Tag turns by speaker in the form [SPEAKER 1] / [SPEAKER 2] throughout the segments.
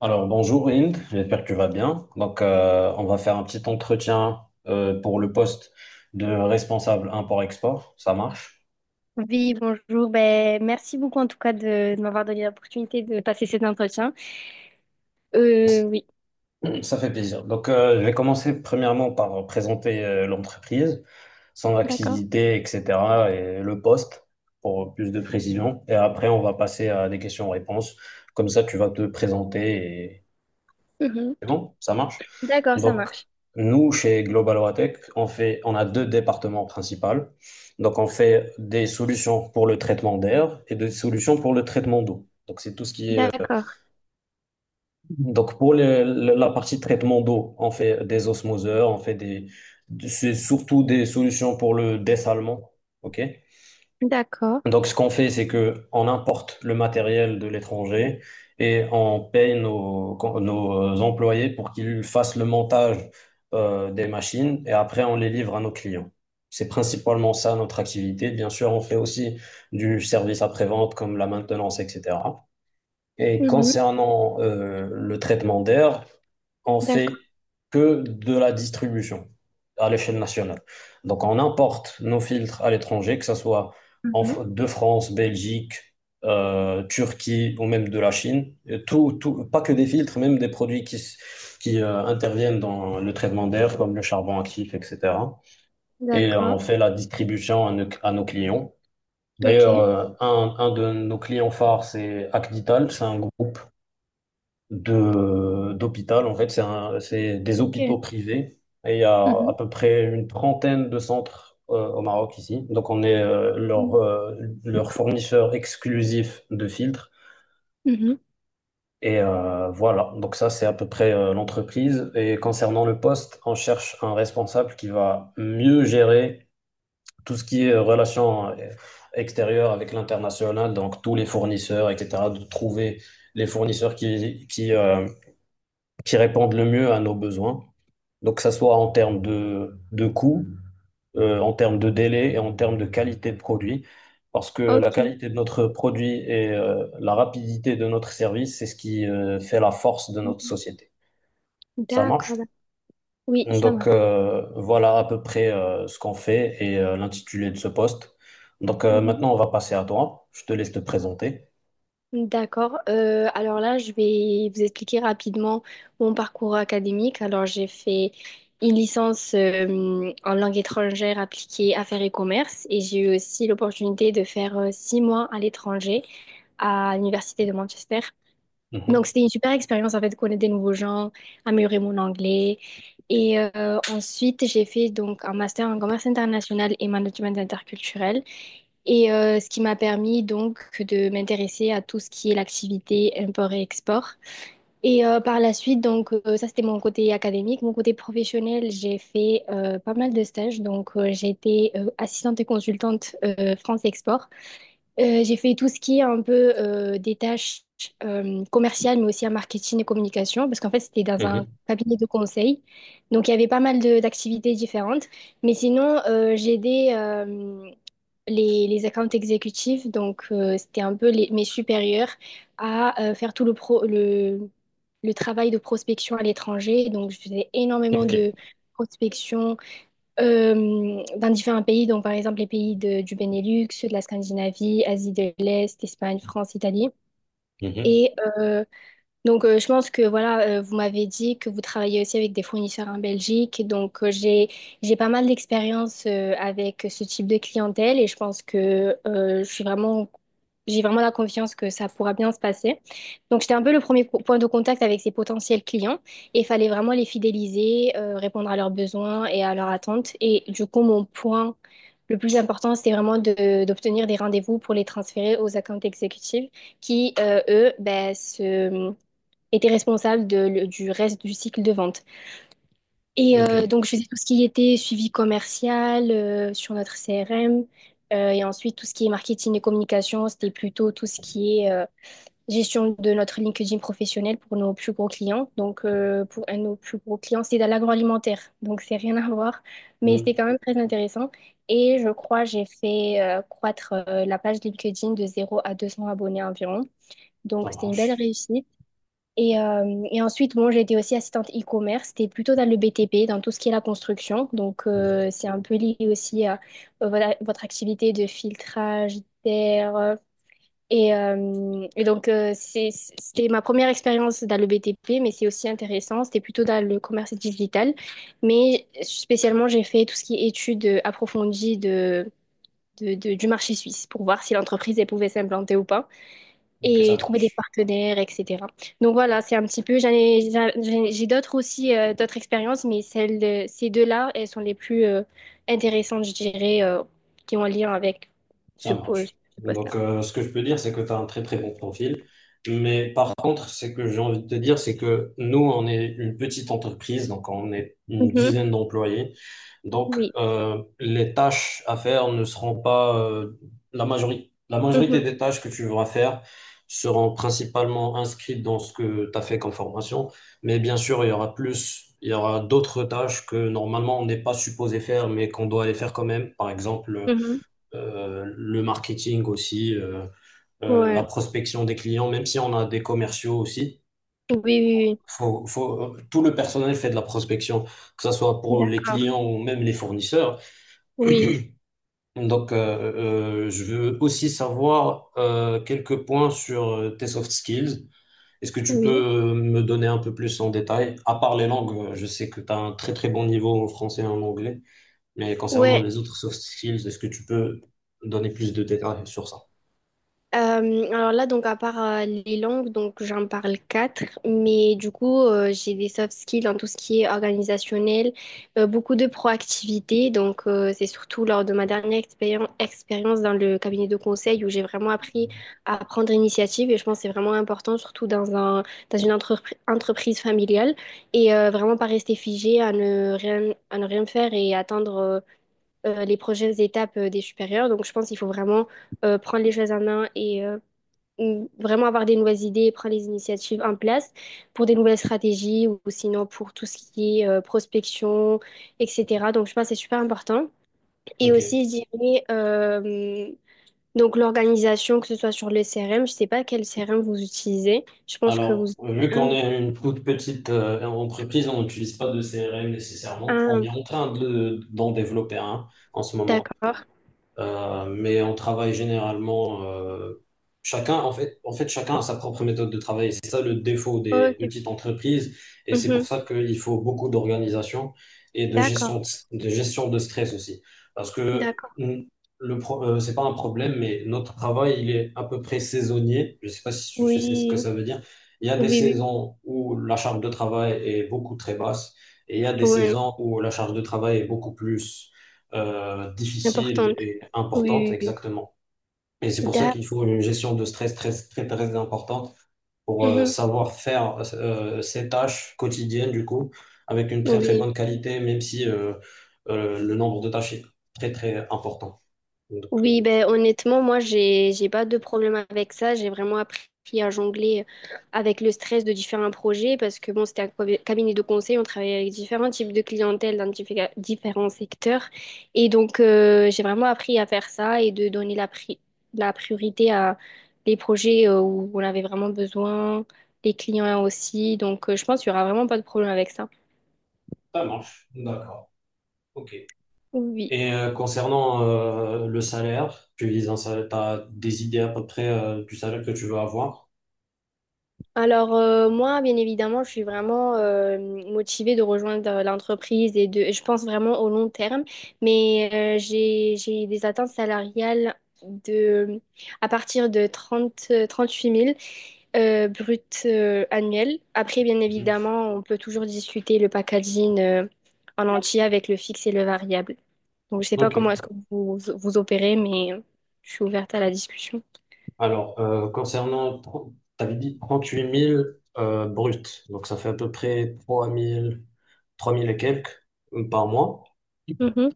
[SPEAKER 1] Alors bonjour Hind, j'espère que tu vas bien. Donc on va faire un petit entretien pour le poste de responsable import-export, ça marche.
[SPEAKER 2] Oui, bonjour. Ben, merci beaucoup en tout cas de m'avoir donné l'opportunité de passer cet entretien. Oui.
[SPEAKER 1] Ça fait plaisir. Donc je vais commencer premièrement par présenter l'entreprise, son
[SPEAKER 2] D'accord.
[SPEAKER 1] activité, etc. et le poste pour plus de précision. Et après on va passer à des questions-réponses. Comme ça tu vas te présenter.
[SPEAKER 2] Mhm.
[SPEAKER 1] C'est bon, ça marche.
[SPEAKER 2] D'accord, ça
[SPEAKER 1] Donc,
[SPEAKER 2] marche.
[SPEAKER 1] nous, chez Global Watech, on fait, on a deux départements principaux. Donc, on fait des solutions pour le traitement d'air et des solutions pour le traitement d'eau. Donc, c'est tout ce qui est.
[SPEAKER 2] D'accord,
[SPEAKER 1] Donc, pour la partie traitement d'eau, on fait des osmoseurs, on fait des. C'est surtout des solutions pour le dessalement. OK?
[SPEAKER 2] d'accord.
[SPEAKER 1] Donc, ce qu'on fait, c'est que on importe le matériel de l'étranger et on paye nos employés pour qu'ils fassent le montage des machines et après on les livre à nos clients. C'est principalement ça notre activité. Bien sûr, on fait aussi du service après-vente comme la maintenance, etc. Et
[SPEAKER 2] Mhm.
[SPEAKER 1] concernant le traitement d'air, on fait
[SPEAKER 2] D'accord.
[SPEAKER 1] que de la distribution à l'échelle nationale. Donc, on importe nos filtres à l'étranger, que ce soit en
[SPEAKER 2] Mhm.
[SPEAKER 1] de France, Belgique, Turquie ou même de la Chine. Et tout, pas que des filtres, même des produits qui interviennent dans le traitement d'air, comme le charbon actif, etc. Et on
[SPEAKER 2] D'accord.
[SPEAKER 1] fait la distribution à nos clients. D'ailleurs,
[SPEAKER 2] Ok.
[SPEAKER 1] un de nos clients phares, c'est Acdital, c'est un groupe de d'hôpital. En fait, c'est des
[SPEAKER 2] Ok.
[SPEAKER 1] hôpitaux privés. Et il y a
[SPEAKER 2] Mhm.
[SPEAKER 1] à peu près une trentaine de centres au Maroc ici. Donc, on est leur,
[SPEAKER 2] Mm.
[SPEAKER 1] euh, leur fournisseur exclusif de filtres.
[SPEAKER 2] Mhm.
[SPEAKER 1] Et voilà, donc ça, c'est à peu près l'entreprise. Et concernant le poste, on cherche un responsable qui va mieux gérer tout ce qui est relations extérieures avec l'international, donc tous les fournisseurs, etc., de trouver les fournisseurs qui répondent le mieux à nos besoins. Donc, que ça soit en termes de coût, en termes de délai et en termes de qualité de produit. Parce que la
[SPEAKER 2] Ok.
[SPEAKER 1] qualité de notre produit et la rapidité de notre service, c'est ce qui fait la force de notre
[SPEAKER 2] Mhm.
[SPEAKER 1] société. Ça marche?
[SPEAKER 2] D'accord, d'accord. Oui, ça
[SPEAKER 1] Donc, voilà à peu près ce qu'on fait et l'intitulé de ce poste. Donc,
[SPEAKER 2] marche.
[SPEAKER 1] maintenant, on va passer à toi. Je te laisse te présenter.
[SPEAKER 2] D'accord. Alors là, je vais vous expliquer rapidement mon parcours académique. Alors, j'ai fait une licence en langue étrangère appliquée affaires et commerce et j'ai eu aussi l'opportunité de faire 6 mois à l'étranger à l'université de Manchester. Donc,
[SPEAKER 1] Mhm,
[SPEAKER 2] c'était une super expérience, en fait, de connaître des nouveaux gens, améliorer mon anglais. Et ensuite, j'ai fait donc un master en commerce international et management interculturel. Et ce qui m'a permis donc de m'intéresser à tout ce qui est l'activité import et export. Et par la suite, donc ça c'était mon côté académique. Mon côté professionnel, j'ai fait pas mal de stages. Donc j'ai été assistante et consultante France Export. J'ai fait tout ce qui est un peu des tâches commerciales, mais aussi en marketing et communication, parce qu'en fait, c'était dans un
[SPEAKER 1] mhm.
[SPEAKER 2] cabinet de conseil. Donc, il y avait pas mal d'activités différentes. Mais sinon, j'ai aidé les accounts exécutifs, donc c'était un peu mes supérieurs, à faire tout le travail de prospection à l'étranger. Donc, je faisais énormément
[SPEAKER 1] OK.
[SPEAKER 2] de prospection dans différents pays, donc par exemple les pays du Benelux, de la Scandinavie, Asie de l'Est, Espagne, France, Italie.
[SPEAKER 1] Mhm,
[SPEAKER 2] Et donc, je pense que voilà, vous m'avez dit que vous travaillez aussi avec des fournisseurs en Belgique. Donc, j'ai pas mal d'expérience avec ce type de clientèle et je pense que je suis vraiment j'ai vraiment la confiance que ça pourra bien se passer. Donc, j'étais un peu le premier point de contact avec ces potentiels clients et il fallait vraiment les fidéliser, répondre à leurs besoins et à leurs attentes. Et du coup, mon point le plus important, c'était vraiment d'obtenir des rendez-vous pour les transférer aux accounts exécutifs qui, eux, ben, se était responsable du reste du cycle de vente. Et
[SPEAKER 1] OK.
[SPEAKER 2] donc, je faisais tout ce qui était suivi commercial sur notre CRM. Et ensuite, tout ce qui est marketing et communication, c'était plutôt tout ce qui est gestion de notre LinkedIn professionnel pour nos plus gros clients. Donc, pour un de nos plus gros clients, c'est dans l'agroalimentaire. Donc, c'est rien à voir. Mais c'était
[SPEAKER 1] Mhm.
[SPEAKER 2] quand même très intéressant. Et je crois, j'ai fait croître la page LinkedIn de 0 à 200 abonnés environ.
[SPEAKER 1] Ça
[SPEAKER 2] Donc, c'était une belle
[SPEAKER 1] marche.
[SPEAKER 2] réussite. Et ensuite, bon, j'ai été aussi assistante e-commerce. C'était plutôt dans le BTP, dans tout ce qui est la construction. Donc,
[SPEAKER 1] Mhm,
[SPEAKER 2] c'est un peu lié aussi à voilà, votre activité de filtrage d'air. Et donc, c'était ma première expérience dans le BTP, mais c'est aussi intéressant. C'était plutôt dans le commerce digital. Mais spécialement, j'ai fait tout ce qui est études approfondies de, du marché suisse pour voir si l'entreprise elle pouvait s'implanter ou pas
[SPEAKER 1] OK, ça
[SPEAKER 2] et trouver des
[SPEAKER 1] marche.
[SPEAKER 2] partenaires, etc. Donc voilà, c'est un petit peu, j'en ai- j'ai d'autres aussi, d'autres expériences, mais ces deux-là, elles sont les plus intéressantes, je dirais, qui ont un lien avec
[SPEAKER 1] Ça
[SPEAKER 2] ce
[SPEAKER 1] marche.
[SPEAKER 2] poste-là.
[SPEAKER 1] Donc, ce que je peux dire, c'est que tu as un très très bon profil. Mais par contre, c'est que j'ai envie de te dire, c'est que nous, on est une petite entreprise, donc on est une
[SPEAKER 2] Mhm.
[SPEAKER 1] dizaine d'employés. Donc,
[SPEAKER 2] Oui.
[SPEAKER 1] les tâches à faire ne seront pas la majorité. La majorité
[SPEAKER 2] Mhm.
[SPEAKER 1] des tâches que tu vas faire seront principalement inscrites dans ce que tu as fait comme formation. Mais bien sûr, il y aura d'autres tâches que normalement on n'est pas supposé faire, mais qu'on doit aller faire quand même. Par exemple,
[SPEAKER 2] Mhm.
[SPEAKER 1] le marketing aussi, la
[SPEAKER 2] Ouais.
[SPEAKER 1] prospection des clients, même si on a des commerciaux aussi.
[SPEAKER 2] Oui, oui,
[SPEAKER 1] Tout le personnel fait de la prospection, que ce soit
[SPEAKER 2] oui.
[SPEAKER 1] pour les
[SPEAKER 2] D'accord.
[SPEAKER 1] clients ou même les fournisseurs.
[SPEAKER 2] Oui,
[SPEAKER 1] Donc, je veux aussi savoir quelques points sur tes soft skills. Est-ce que tu peux
[SPEAKER 2] oui.
[SPEAKER 1] me donner un peu plus en détail? À part les langues, je sais que tu as un très très bon niveau en français et en anglais, mais concernant
[SPEAKER 2] Ouais.
[SPEAKER 1] les autres soft skills, est-ce que tu peux donner plus de détails sur ça?
[SPEAKER 2] Euh, alors là, donc à part les langues, donc j'en parle quatre, mais du coup, j'ai des soft skills en tout ce qui est organisationnel, beaucoup de proactivité, donc c'est surtout lors de ma dernière expérience dans le cabinet de conseil où j'ai vraiment appris à prendre initiative et je pense que c'est vraiment important, surtout dans une entreprise familiale et vraiment pas rester figé à ne rien faire et attendre les prochaines étapes des supérieurs. Donc je pense qu'il faut vraiment prendre les choses en main et vraiment avoir des nouvelles idées et prendre les initiatives en place pour des nouvelles stratégies ou sinon pour tout ce qui est prospection, etc. Donc, je pense que c'est super important. Et
[SPEAKER 1] OK.
[SPEAKER 2] aussi, je dirais, donc l'organisation, que ce soit sur le CRM, je sais pas quel CRM vous utilisez. Je pense que vous
[SPEAKER 1] Alors,
[SPEAKER 2] utilisez
[SPEAKER 1] vu
[SPEAKER 2] un.
[SPEAKER 1] qu'on est une toute petite entreprise, on n'utilise pas de CRM nécessairement. On est
[SPEAKER 2] un-
[SPEAKER 1] en train d'en développer un en ce moment.
[SPEAKER 2] d'accord.
[SPEAKER 1] Mais on travaille généralement chacun, en fait, chacun a sa propre méthode de travail. C'est ça le défaut des
[SPEAKER 2] Ok.
[SPEAKER 1] petites entreprises, et c'est pour
[SPEAKER 2] Mhm.
[SPEAKER 1] ça qu'il faut beaucoup d'organisation et de
[SPEAKER 2] D'accord.
[SPEAKER 1] gestion de gestion de stress aussi, parce que
[SPEAKER 2] D'accord.
[SPEAKER 1] c'est pas un problème, mais notre travail il est à peu près saisonnier. Je sais pas si tu sais ce que
[SPEAKER 2] Oui.
[SPEAKER 1] ça veut dire. Il y a
[SPEAKER 2] Oui,
[SPEAKER 1] des
[SPEAKER 2] oui.
[SPEAKER 1] saisons où la charge de travail est beaucoup très basse, et il y a des
[SPEAKER 2] Oui.
[SPEAKER 1] saisons où la charge de travail est beaucoup plus difficile
[SPEAKER 2] Importante.
[SPEAKER 1] et importante,
[SPEAKER 2] Oui, oui, oui.
[SPEAKER 1] exactement. Et c'est pour ça
[SPEAKER 2] D'accord.
[SPEAKER 1] qu'il faut une gestion de stress très, très, très importante pour
[SPEAKER 2] Mm-hmm.
[SPEAKER 1] savoir faire ces tâches quotidiennes, du coup, avec une très, très
[SPEAKER 2] Oui.
[SPEAKER 1] bonne qualité, même si le nombre de tâches est très, très important. Donc,
[SPEAKER 2] Oui, ben honnêtement, moi j'ai pas de problème avec ça. J'ai vraiment appris à jongler avec le stress de différents projets parce que bon, c'était un cabinet de conseil, on travaillait avec différents types de clientèle dans différents secteurs. Et donc j'ai vraiment appris à faire ça et de donner la priorité à les projets où on avait vraiment besoin, les clients aussi. Donc je pense qu'il y aura vraiment pas de problème avec ça.
[SPEAKER 1] ça marche. D'accord. OK.
[SPEAKER 2] Oui.
[SPEAKER 1] Et concernant le salaire, tu vises un salaire, t'as des idées à peu près du salaire que tu veux avoir?
[SPEAKER 2] Alors moi, bien évidemment, je suis vraiment motivée de rejoindre l'entreprise et de, je pense vraiment au long terme, mais j'ai des attentes salariales de, à partir de 30 huit mille bruts annuels. Après, bien
[SPEAKER 1] Mhm.
[SPEAKER 2] évidemment, on peut toujours discuter le packaging en entier avec le fixe et le variable. Donc, je sais pas comment
[SPEAKER 1] OK.
[SPEAKER 2] est-ce que vous, vous opérez, mais je suis ouverte à la discussion.
[SPEAKER 1] Alors, concernant, t'avais dit 38 000 bruts, donc ça fait à peu près 3 000, 3 000 et quelques par mois.
[SPEAKER 2] Mhm.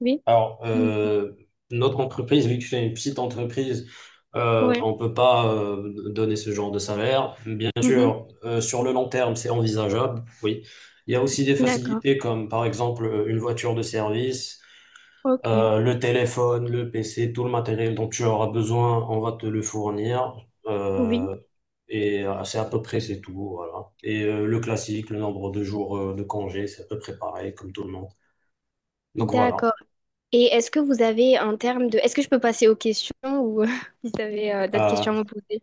[SPEAKER 2] Oui.
[SPEAKER 1] Alors,
[SPEAKER 2] Mm.
[SPEAKER 1] notre entreprise, vu que c'est une petite entreprise,
[SPEAKER 2] Ouais.
[SPEAKER 1] on peut pas donner ce genre de salaire. Bien
[SPEAKER 2] Mhm.
[SPEAKER 1] sûr, sur le long terme, c'est envisageable, oui. Il y a aussi des
[SPEAKER 2] D'accord.
[SPEAKER 1] facilités comme, par exemple, une voiture de service.
[SPEAKER 2] Ok,
[SPEAKER 1] Le téléphone, le PC, tout le matériel dont tu auras besoin, on va te le fournir.
[SPEAKER 2] oui,
[SPEAKER 1] Euh, et c'est à peu près c'est tout, voilà. Et le classique, le nombre de jours de congé, c'est à peu près pareil comme tout le monde. Donc voilà.
[SPEAKER 2] d'accord. Et est-ce que vous avez en termes de... Est-ce que je peux passer aux questions ou si vous avez d'autres
[SPEAKER 1] Euh,
[SPEAKER 2] questions à me poser?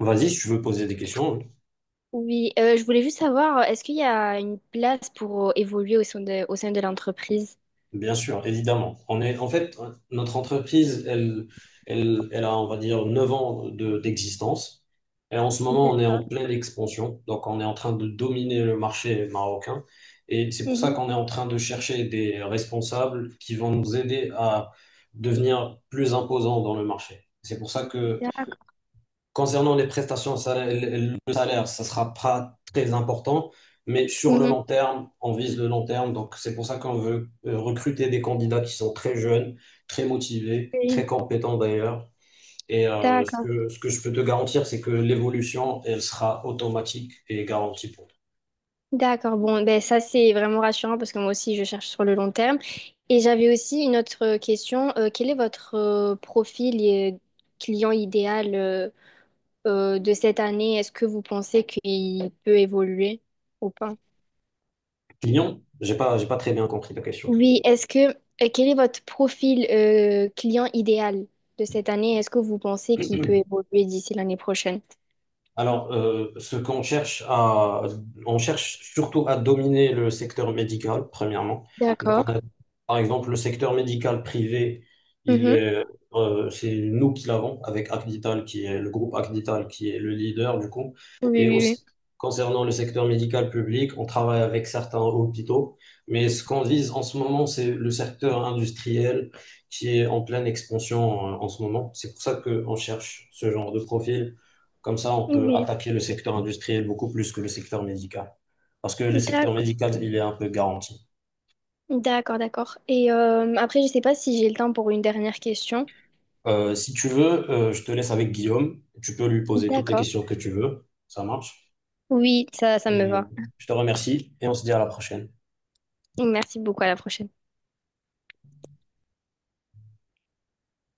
[SPEAKER 1] Vas-y, si tu veux poser des questions.
[SPEAKER 2] Oui, je voulais juste savoir, est-ce qu'il y a une place pour évoluer au sein de l'entreprise?
[SPEAKER 1] Bien sûr, évidemment. On est, en fait, notre entreprise, elle a, on va dire, 9 ans d'existence. Et en ce moment, on est
[SPEAKER 2] D'accord.
[SPEAKER 1] en pleine expansion. Donc, on est en train de dominer le marché marocain. Et c'est pour ça
[SPEAKER 2] Mhm.
[SPEAKER 1] qu'on est en train de chercher des responsables qui vont nous aider à devenir plus imposants dans le marché. C'est pour ça que
[SPEAKER 2] D'accord.
[SPEAKER 1] Concernant les prestations, le salaire, ça sera pas très important, mais sur le
[SPEAKER 2] Mhm.
[SPEAKER 1] long terme, on vise le long terme. Donc, c'est pour ça qu'on veut recruter des candidats qui sont très jeunes, très motivés, très
[SPEAKER 2] Oui.
[SPEAKER 1] compétents d'ailleurs. Et ce
[SPEAKER 2] D'accord.
[SPEAKER 1] que, ce que je peux te garantir, c'est que l'évolution, elle sera automatique et garantie pour toi.
[SPEAKER 2] D'accord. Bon, ben ça c'est vraiment rassurant parce que moi aussi je cherche sur le long terme. Et j'avais aussi une autre question. Quel est votre profil et client idéal de cette année, est-ce que vous pensez qu'il peut évoluer ou pas?
[SPEAKER 1] Client, j'ai pas très bien compris ta question.
[SPEAKER 2] Oui, quel est votre profil client idéal de cette année? Est-ce que vous pensez qu'il peut évoluer d'ici l'année prochaine?
[SPEAKER 1] Alors, ce qu'on cherche à, on cherche surtout à dominer le secteur médical, premièrement. Donc,
[SPEAKER 2] D'accord.
[SPEAKER 1] on a, par exemple, le secteur médical privé, il
[SPEAKER 2] Mhm.
[SPEAKER 1] est, c'est nous qui l'avons avec Acdital, qui est le groupe Acdital, qui est le leader du coup.
[SPEAKER 2] Oui,
[SPEAKER 1] Et
[SPEAKER 2] oui,
[SPEAKER 1] aussi, concernant le secteur médical public, on travaille avec certains hôpitaux. Mais ce qu'on vise en ce moment, c'est le secteur industriel qui est en pleine expansion, en ce moment. C'est pour ça qu'on cherche ce genre de profil comme ça, on
[SPEAKER 2] oui.
[SPEAKER 1] peut
[SPEAKER 2] Oui.
[SPEAKER 1] attaquer le secteur industriel beaucoup plus que le secteur médical. Parce que le secteur
[SPEAKER 2] D'accord.
[SPEAKER 1] médical, il est un peu garanti.
[SPEAKER 2] D'accord, d'accord. Et après, je sais pas si j'ai le temps pour une dernière question.
[SPEAKER 1] Si tu veux, je te laisse avec Guillaume. Tu peux lui poser toutes les
[SPEAKER 2] D'accord.
[SPEAKER 1] questions que tu veux. Ça marche.
[SPEAKER 2] Oui, ça me
[SPEAKER 1] Et
[SPEAKER 2] va.
[SPEAKER 1] je te remercie et on se dit à la prochaine.
[SPEAKER 2] Merci beaucoup, à la prochaine.